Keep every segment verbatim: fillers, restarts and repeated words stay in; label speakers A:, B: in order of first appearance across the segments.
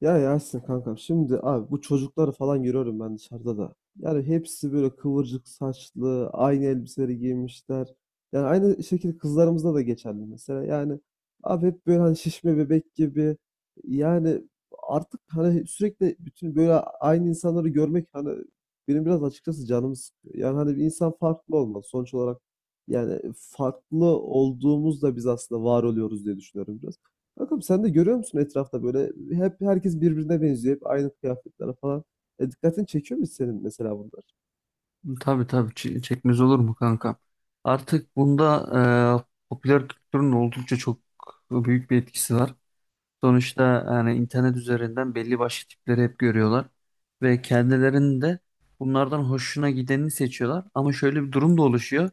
A: Ya Yasin kankam şimdi abi bu çocukları falan görüyorum ben dışarıda da. Yani hepsi böyle kıvırcık saçlı, aynı elbiseleri giymişler. Yani aynı şekilde kızlarımızda da geçerli mesela. Yani abi hep böyle hani şişme bebek gibi. Yani artık hani sürekli bütün böyle aynı insanları görmek hani benim biraz açıkçası canımı sıkıyor. Yani hani bir insan farklı olmalı sonuç olarak. Yani farklı olduğumuzda biz aslında var oluyoruz diye düşünüyorum biraz. Bakalım sen de görüyor musun etrafta böyle hep herkes birbirine benziyor. Hep aynı kıyafetler falan. E, dikkatini çekiyor mu senin mesela bunlar?
B: Tabii tabii Ç- çekmez olur mu kanka? Artık bunda e, popüler kültürün oldukça çok büyük bir etkisi var. Sonuçta yani internet üzerinden belli başlı tipleri hep görüyorlar ve kendilerinin de bunlardan hoşuna gideni seçiyorlar. Ama şöyle bir durum da oluşuyor.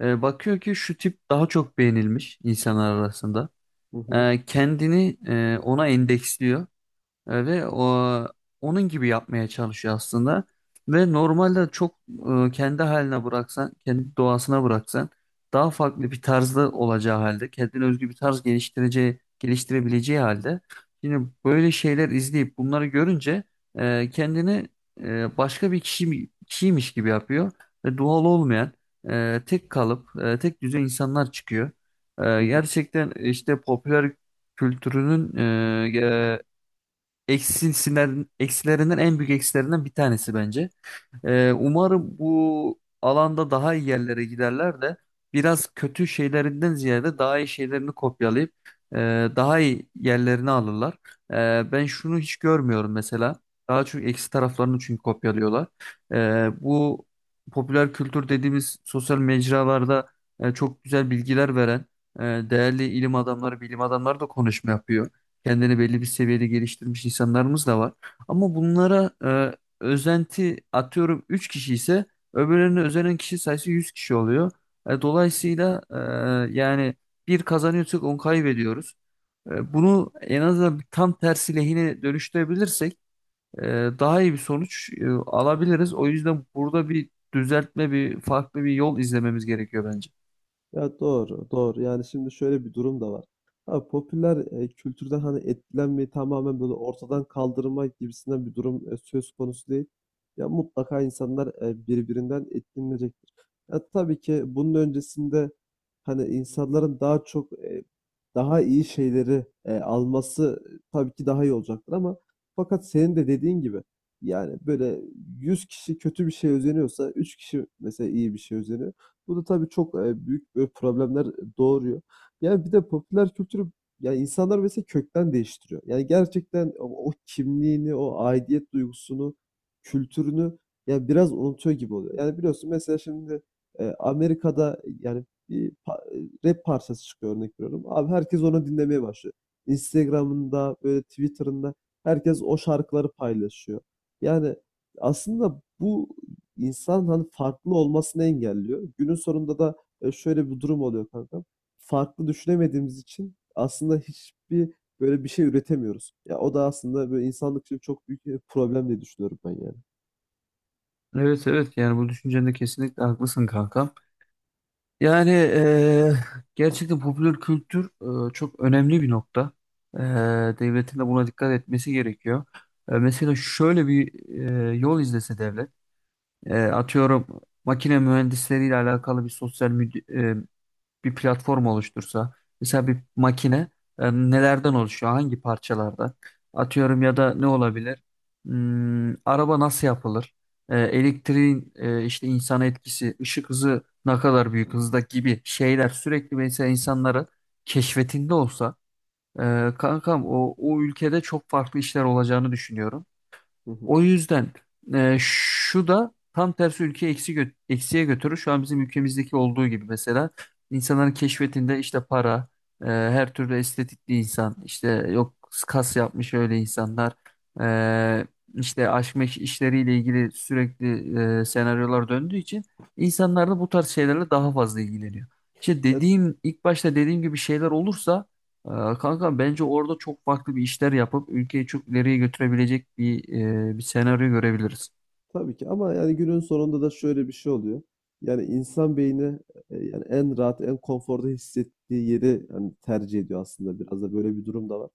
B: E, bakıyor ki şu tip daha çok beğenilmiş insanlar arasında.
A: Hı hı.
B: E, kendini e, ona endeksliyor. E, Ve o, onun gibi yapmaya çalışıyor aslında. Ve normalde çok e, kendi haline bıraksan, kendi doğasına bıraksan daha farklı bir tarzda olacağı halde, kendine özgü bir tarz geliştireceği, geliştirebileceği halde yine böyle şeyler izleyip bunları görünce e, kendini e, başka bir kişi, kişiymiş gibi yapıyor ve doğal olmayan e, tek kalıp, e, tek düze insanlar çıkıyor.
A: Hı
B: E,
A: hı.
B: gerçekten işte popüler kültürünün Eksisinden, eksilerinden en büyük eksilerinden bir tanesi bence. Ee, umarım bu alanda daha iyi yerlere giderler de biraz kötü şeylerinden ziyade daha iyi şeylerini kopyalayıp e, daha iyi yerlerini alırlar. E, ben şunu hiç görmüyorum mesela. Daha çok eksi taraflarını çünkü kopyalıyorlar. E, bu popüler kültür dediğimiz sosyal mecralarda e, çok güzel bilgiler veren e, değerli ilim adamları, bilim adamları da konuşma yapıyor. Kendini belli bir seviyede geliştirmiş insanlarımız da var. Ama bunlara e, özenti atıyorum üç kişi ise öbürlerine özenen kişi sayısı yüz kişi oluyor. E, dolayısıyla e, yani bir kazanıyorsak on kaybediyoruz. E, bunu en azından tam tersi lehine dönüştürebilirsek e, daha iyi bir sonuç e, alabiliriz. O yüzden burada bir düzeltme, bir farklı bir yol izlememiz gerekiyor bence.
A: Ya doğru, doğru. Yani şimdi şöyle bir durum da var. Abi popüler e, kültürden hani etkilenmeyi tamamen böyle ortadan kaldırma gibisinden bir durum e, söz konusu değil. Ya mutlaka insanlar e, birbirinden etkilenecektir. Ya tabii ki bunun öncesinde hani insanların daha çok e, daha iyi şeyleri e, alması tabii ki daha iyi olacaktır ama fakat senin de dediğin gibi yani böyle yüz kişi kötü bir şey özeniyorsa üç kişi mesela iyi bir şey özeniyor. Bu da tabii çok, eee, büyük, böyle, problemler doğuruyor. Yani bir de popüler kültürü yani insanlar mesela kökten değiştiriyor. Yani gerçekten o o kimliğini, o aidiyet duygusunu, kültürünü yani biraz unutuyor gibi oluyor. Yani biliyorsun mesela şimdi, eee, Amerika'da, yani, bir pa e, rap parçası çıkıyor örnek veriyorum. Abi herkes onu dinlemeye başlıyor. Instagram'ında, böyle, Twitter'ında herkes o şarkıları paylaşıyor. Yani aslında bu insan hani farklı olmasını engelliyor. Günün sonunda da e, şöyle bir durum oluyor kanka. Farklı düşünemediğimiz için aslında hiçbir böyle bir şey üretemiyoruz. Ya o da aslında böyle insanlık için çok büyük bir problem diye düşünüyorum ben yani.
B: Evet evet, yani bu düşüncende kesinlikle haklısın kanka. Yani eee, gerçekten popüler kültür eee, çok önemli bir nokta. Eee, Devletin de buna dikkat etmesi gerekiyor. Eee, mesela şöyle bir eee, yol izlese devlet, eee, atıyorum makine mühendisleriyle alakalı bir sosyal bir platform oluştursa, mesela bir makine e, nelerden oluşuyor, hangi parçalardan? Atıyorum ya da ne olabilir? Hmm, araba nasıl yapılır? E, elektriğin e, işte insan etkisi, ışık hızı ne kadar büyük hızda gibi şeyler sürekli mesela insanların keşfetinde olsa, e, kankam o, o ülkede çok farklı işler olacağını düşünüyorum.
A: Hı hı.
B: O yüzden e, şu da tam tersi ülkeyi eksi gö- eksiye götürür. Şu an bizim ülkemizdeki olduğu gibi mesela insanların keşfetinde işte para, e, her türlü estetikli insan, işte yok kas yapmış öyle insanlar, e, işte aşk meşk işleriyle ilgili sürekli e, senaryolar döndüğü için insanlar da bu tarz şeylerle daha fazla ilgileniyor. İşte
A: Ya,
B: dediğim ilk başta dediğim gibi şeyler olursa ee, Kanka bence orada çok farklı bir işler yapıp ülkeyi çok ileriye götürebilecek bir e, bir senaryo görebiliriz.
A: tabii ki ama yani günün sonunda da şöyle bir şey oluyor. Yani insan beyni e, yani en rahat, en konforda hissettiği yeri yani tercih ediyor aslında biraz da böyle bir durum da var.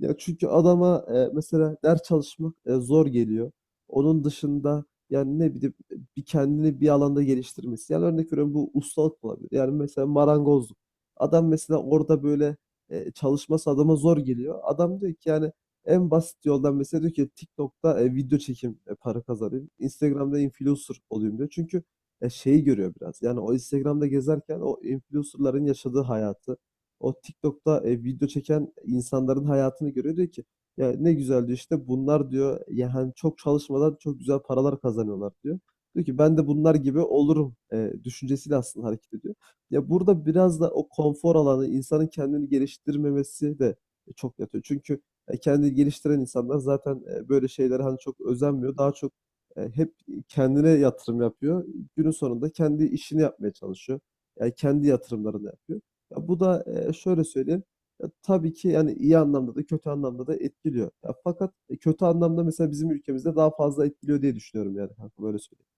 A: Ya çünkü adama, eee, mesela ders çalışmak, eee, zor geliyor. Onun dışında, yani, ne bileyim, bir kendini bir alanda geliştirmesi, yani, örnek veriyorum, bu ustalık olabilir. Yani, mesela marangozluk. Adam mesela orada, böyle, eee, çalışması adama zor geliyor. Adam diyor ki, yani, en basit yoldan mesela diyor ki TikTok'ta, eee, video çekim eee, para kazanayım. Instagram'da influencer olayım diyor. Çünkü, eee, şeyi görüyor biraz, yani, o Instagram'da gezerken o influencer'ların yaşadığı hayatı, o TikTok'ta e, video çeken insanların hayatını görüyor. Diyor ki ya ne güzel diyor işte bunlar diyor yani çok çalışmadan çok güzel paralar kazanıyorlar diyor. Diyor ki ben de bunlar gibi olurum e, düşüncesiyle aslında hareket ediyor. Ya burada biraz da o konfor alanı insanın kendini geliştirmemesi de çok yatıyor. Çünkü e, kendini geliştiren insanlar zaten e, böyle şeylere hani çok özenmiyor. Daha çok e, hep kendine yatırım yapıyor. Günün sonunda kendi işini yapmaya çalışıyor. Yani kendi yatırımlarını yapıyor. Ya bu da, eee, şöyle söyleyeyim, ya tabii ki, yani, iyi anlamda da kötü anlamda da etkiliyor. Ya fakat, e, kötü anlamda mesela bizim ülkemizde daha fazla etkiliyor diye düşünüyorum yani kanka, böyle söyleyeyim.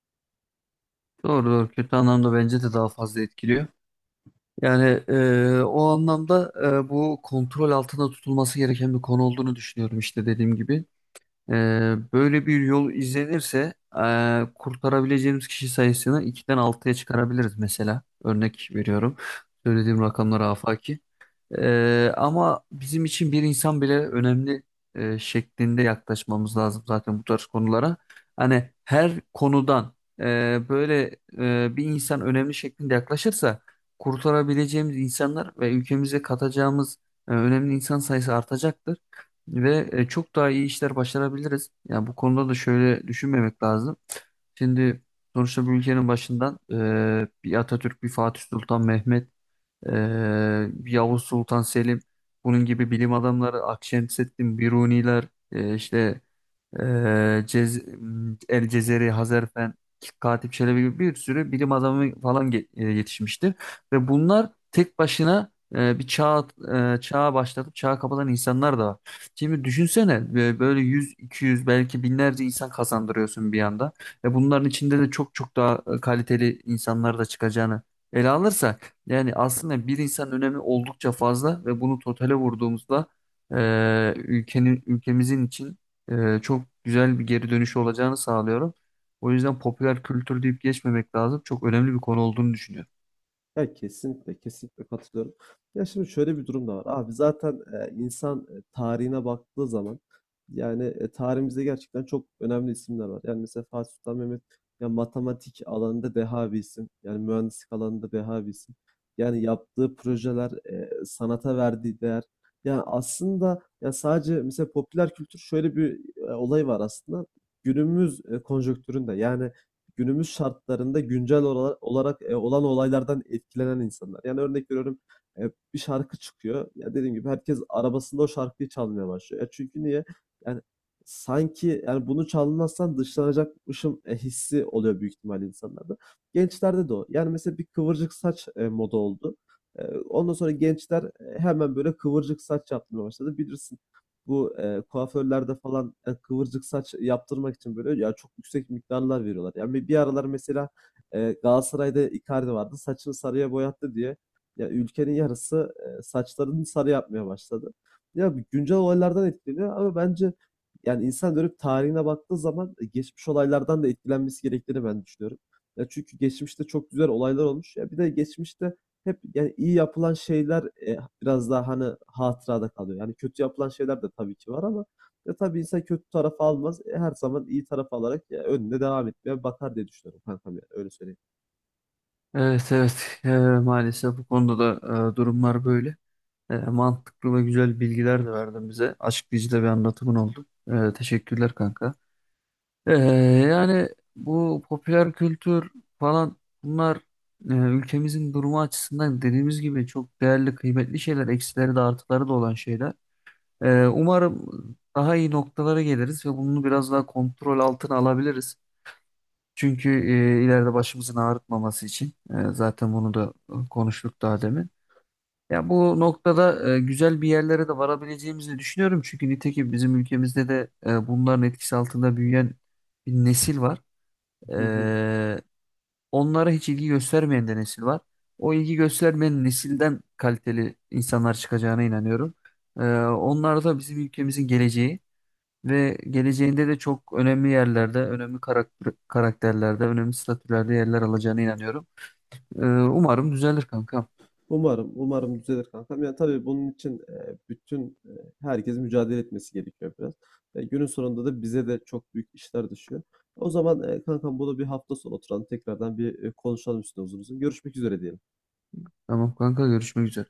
B: Doğru doğru, kötü anlamda bence de daha fazla etkiliyor. Yani e, o anlamda e, bu kontrol altında tutulması gereken bir konu olduğunu düşünüyorum işte dediğim gibi. E, Böyle bir yol izlenirse e, kurtarabileceğimiz kişi sayısını ikiden altıya çıkarabiliriz mesela. Örnek veriyorum. Söylediğim rakamlar afaki. Ee, ama bizim için bir insan bile önemli e, şeklinde yaklaşmamız lazım zaten bu tarz konulara. Hani her konudan e, böyle e, bir insan önemli şeklinde yaklaşırsa kurtarabileceğimiz insanlar ve ülkemize katacağımız e, önemli insan sayısı artacaktır. Ve e, çok daha iyi işler başarabiliriz. Yani bu konuda da şöyle düşünmemek lazım. Şimdi sonuçta bu ülkenin başından e, bir Atatürk, bir Fatih Sultan Mehmet, ee, Yavuz Sultan Selim, bunun gibi bilim adamları Akşemseddin Biruniler, e, işte ee, Cez El Cezeri, Hazerfen, Katip Çelebi gibi bir sürü bilim adamı falan ge- e, yetişmiştir. Ve bunlar tek başına e, bir çağ e, çağa başlatıp çağı kapatan insanlar da var. Şimdi düşünsene e, böyle yüz, iki yüz belki binlerce insan kazandırıyorsun bir anda. Ve bunların içinde de çok çok daha e, kaliteli insanlar da çıkacağını ele alırsak yani aslında bir insanın önemi oldukça fazla ve bunu totale vurduğumuzda e, ülkenin ülkemizin için e, çok güzel bir geri dönüşü olacağını sağlıyorum. O yüzden popüler kültür deyip geçmemek lazım. Çok önemli bir konu olduğunu düşünüyorum.
A: Ya kesinlikle, kesinlikle katılıyorum. Ya şimdi şöyle bir durum da var. Abi zaten e, insan e, tarihine baktığı zaman yani e, tarihimizde gerçekten çok önemli isimler var. Yani mesela Fatih Sultan Mehmet ya matematik alanında deha bir isim. Yani mühendislik alanında deha bir isim. Yani yaptığı projeler, e, sanata verdiği değer. Yani aslında ya sadece mesela popüler kültür şöyle bir e, olay var aslında. Günümüz e, konjonktüründe yani günümüz şartlarında güncel ola- olarak e, olan olaylardan etkilenen insanlar. Yani örnek veriyorum e, bir şarkı çıkıyor. Ya dediğim gibi herkes arabasında o şarkıyı çalmaya başlıyor. E çünkü niye? Yani sanki yani bunu çalmazsan dışlanacakmışım e, hissi oluyor büyük ihtimalle insanlarda. Gençlerde de o. Yani mesela bir kıvırcık saç e, moda oldu. E, ondan sonra gençler e, hemen böyle kıvırcık saç yapmaya başladı. Bilirsin bu e, kuaförlerde falan e, kıvırcık saç yaptırmak için böyle ya çok yüksek miktarlar veriyorlar. Yani bir bir aralar mesela e, Galatasaray'da Icardi vardı. Saçını sarıya boyattı diye ya ülkenin yarısı e, saçlarını sarı yapmaya başladı. Ya bu güncel olaylardan etkileniyor ama bence yani insan dönüp tarihine baktığı zaman e, geçmiş olaylardan da etkilenmesi gerektiğini ben düşünüyorum. Ya çünkü geçmişte çok güzel olaylar olmuş. Ya bir de geçmişte hep yani iyi yapılan şeyler, eee, biraz daha, hani, hatırada kalıyor. Yani kötü yapılan şeyler de tabii ki var ama ya, tabii insan kötü tarafı almaz. E, her zaman iyi taraf alarak, eee, önüne devam etmeye bakar diye düşünüyorum kankam ya, öyle söyleyeyim.
B: Evet evet. E, maalesef bu konuda da e, durumlar böyle. E, mantıklı ve güzel bilgiler de verdin bize. Açıklayıcı da bir anlatımın oldu. E, teşekkürler kanka. E, Yani bu popüler kültür falan bunlar e, ülkemizin durumu açısından dediğimiz gibi çok değerli, kıymetli şeyler. Eksileri de artıları da olan şeyler. Ee, umarım daha iyi noktalara geliriz ve bunu biraz daha kontrol altına alabiliriz. Çünkü e, ileride başımızın ağrıtmaması için e, zaten bunu da e, konuştuk daha demin. Ya bu noktada e, güzel bir yerlere de varabileceğimizi düşünüyorum. Çünkü nitekim bizim ülkemizde de e, bunların etkisi altında büyüyen bir nesil var.
A: Hı hı.
B: E, Onlara hiç ilgi göstermeyen de nesil var. O ilgi göstermeyen nesilden kaliteli insanlar çıkacağına inanıyorum. E, onlar da bizim ülkemizin geleceği. Ve geleceğinde de çok önemli yerlerde, önemli karakter, karakterlerde, önemli statülerde yerler alacağına inanıyorum. Ee, umarım düzelir kankam.
A: Umarım, umarım düzelir kankam. Yani tabii bunun için, eee, bütün, eee, herkesin mücadele etmesi gerekiyor biraz. Eee, günün sonunda da bize de çok büyük işler düşüyor. O zaman, eee, kankam bunu bir hafta sonu oturalım, tekrardan bir, eee, konuşalım üstüne uzun uzun. Görüşmek üzere diyelim.
B: Tamam kanka, görüşmek üzere.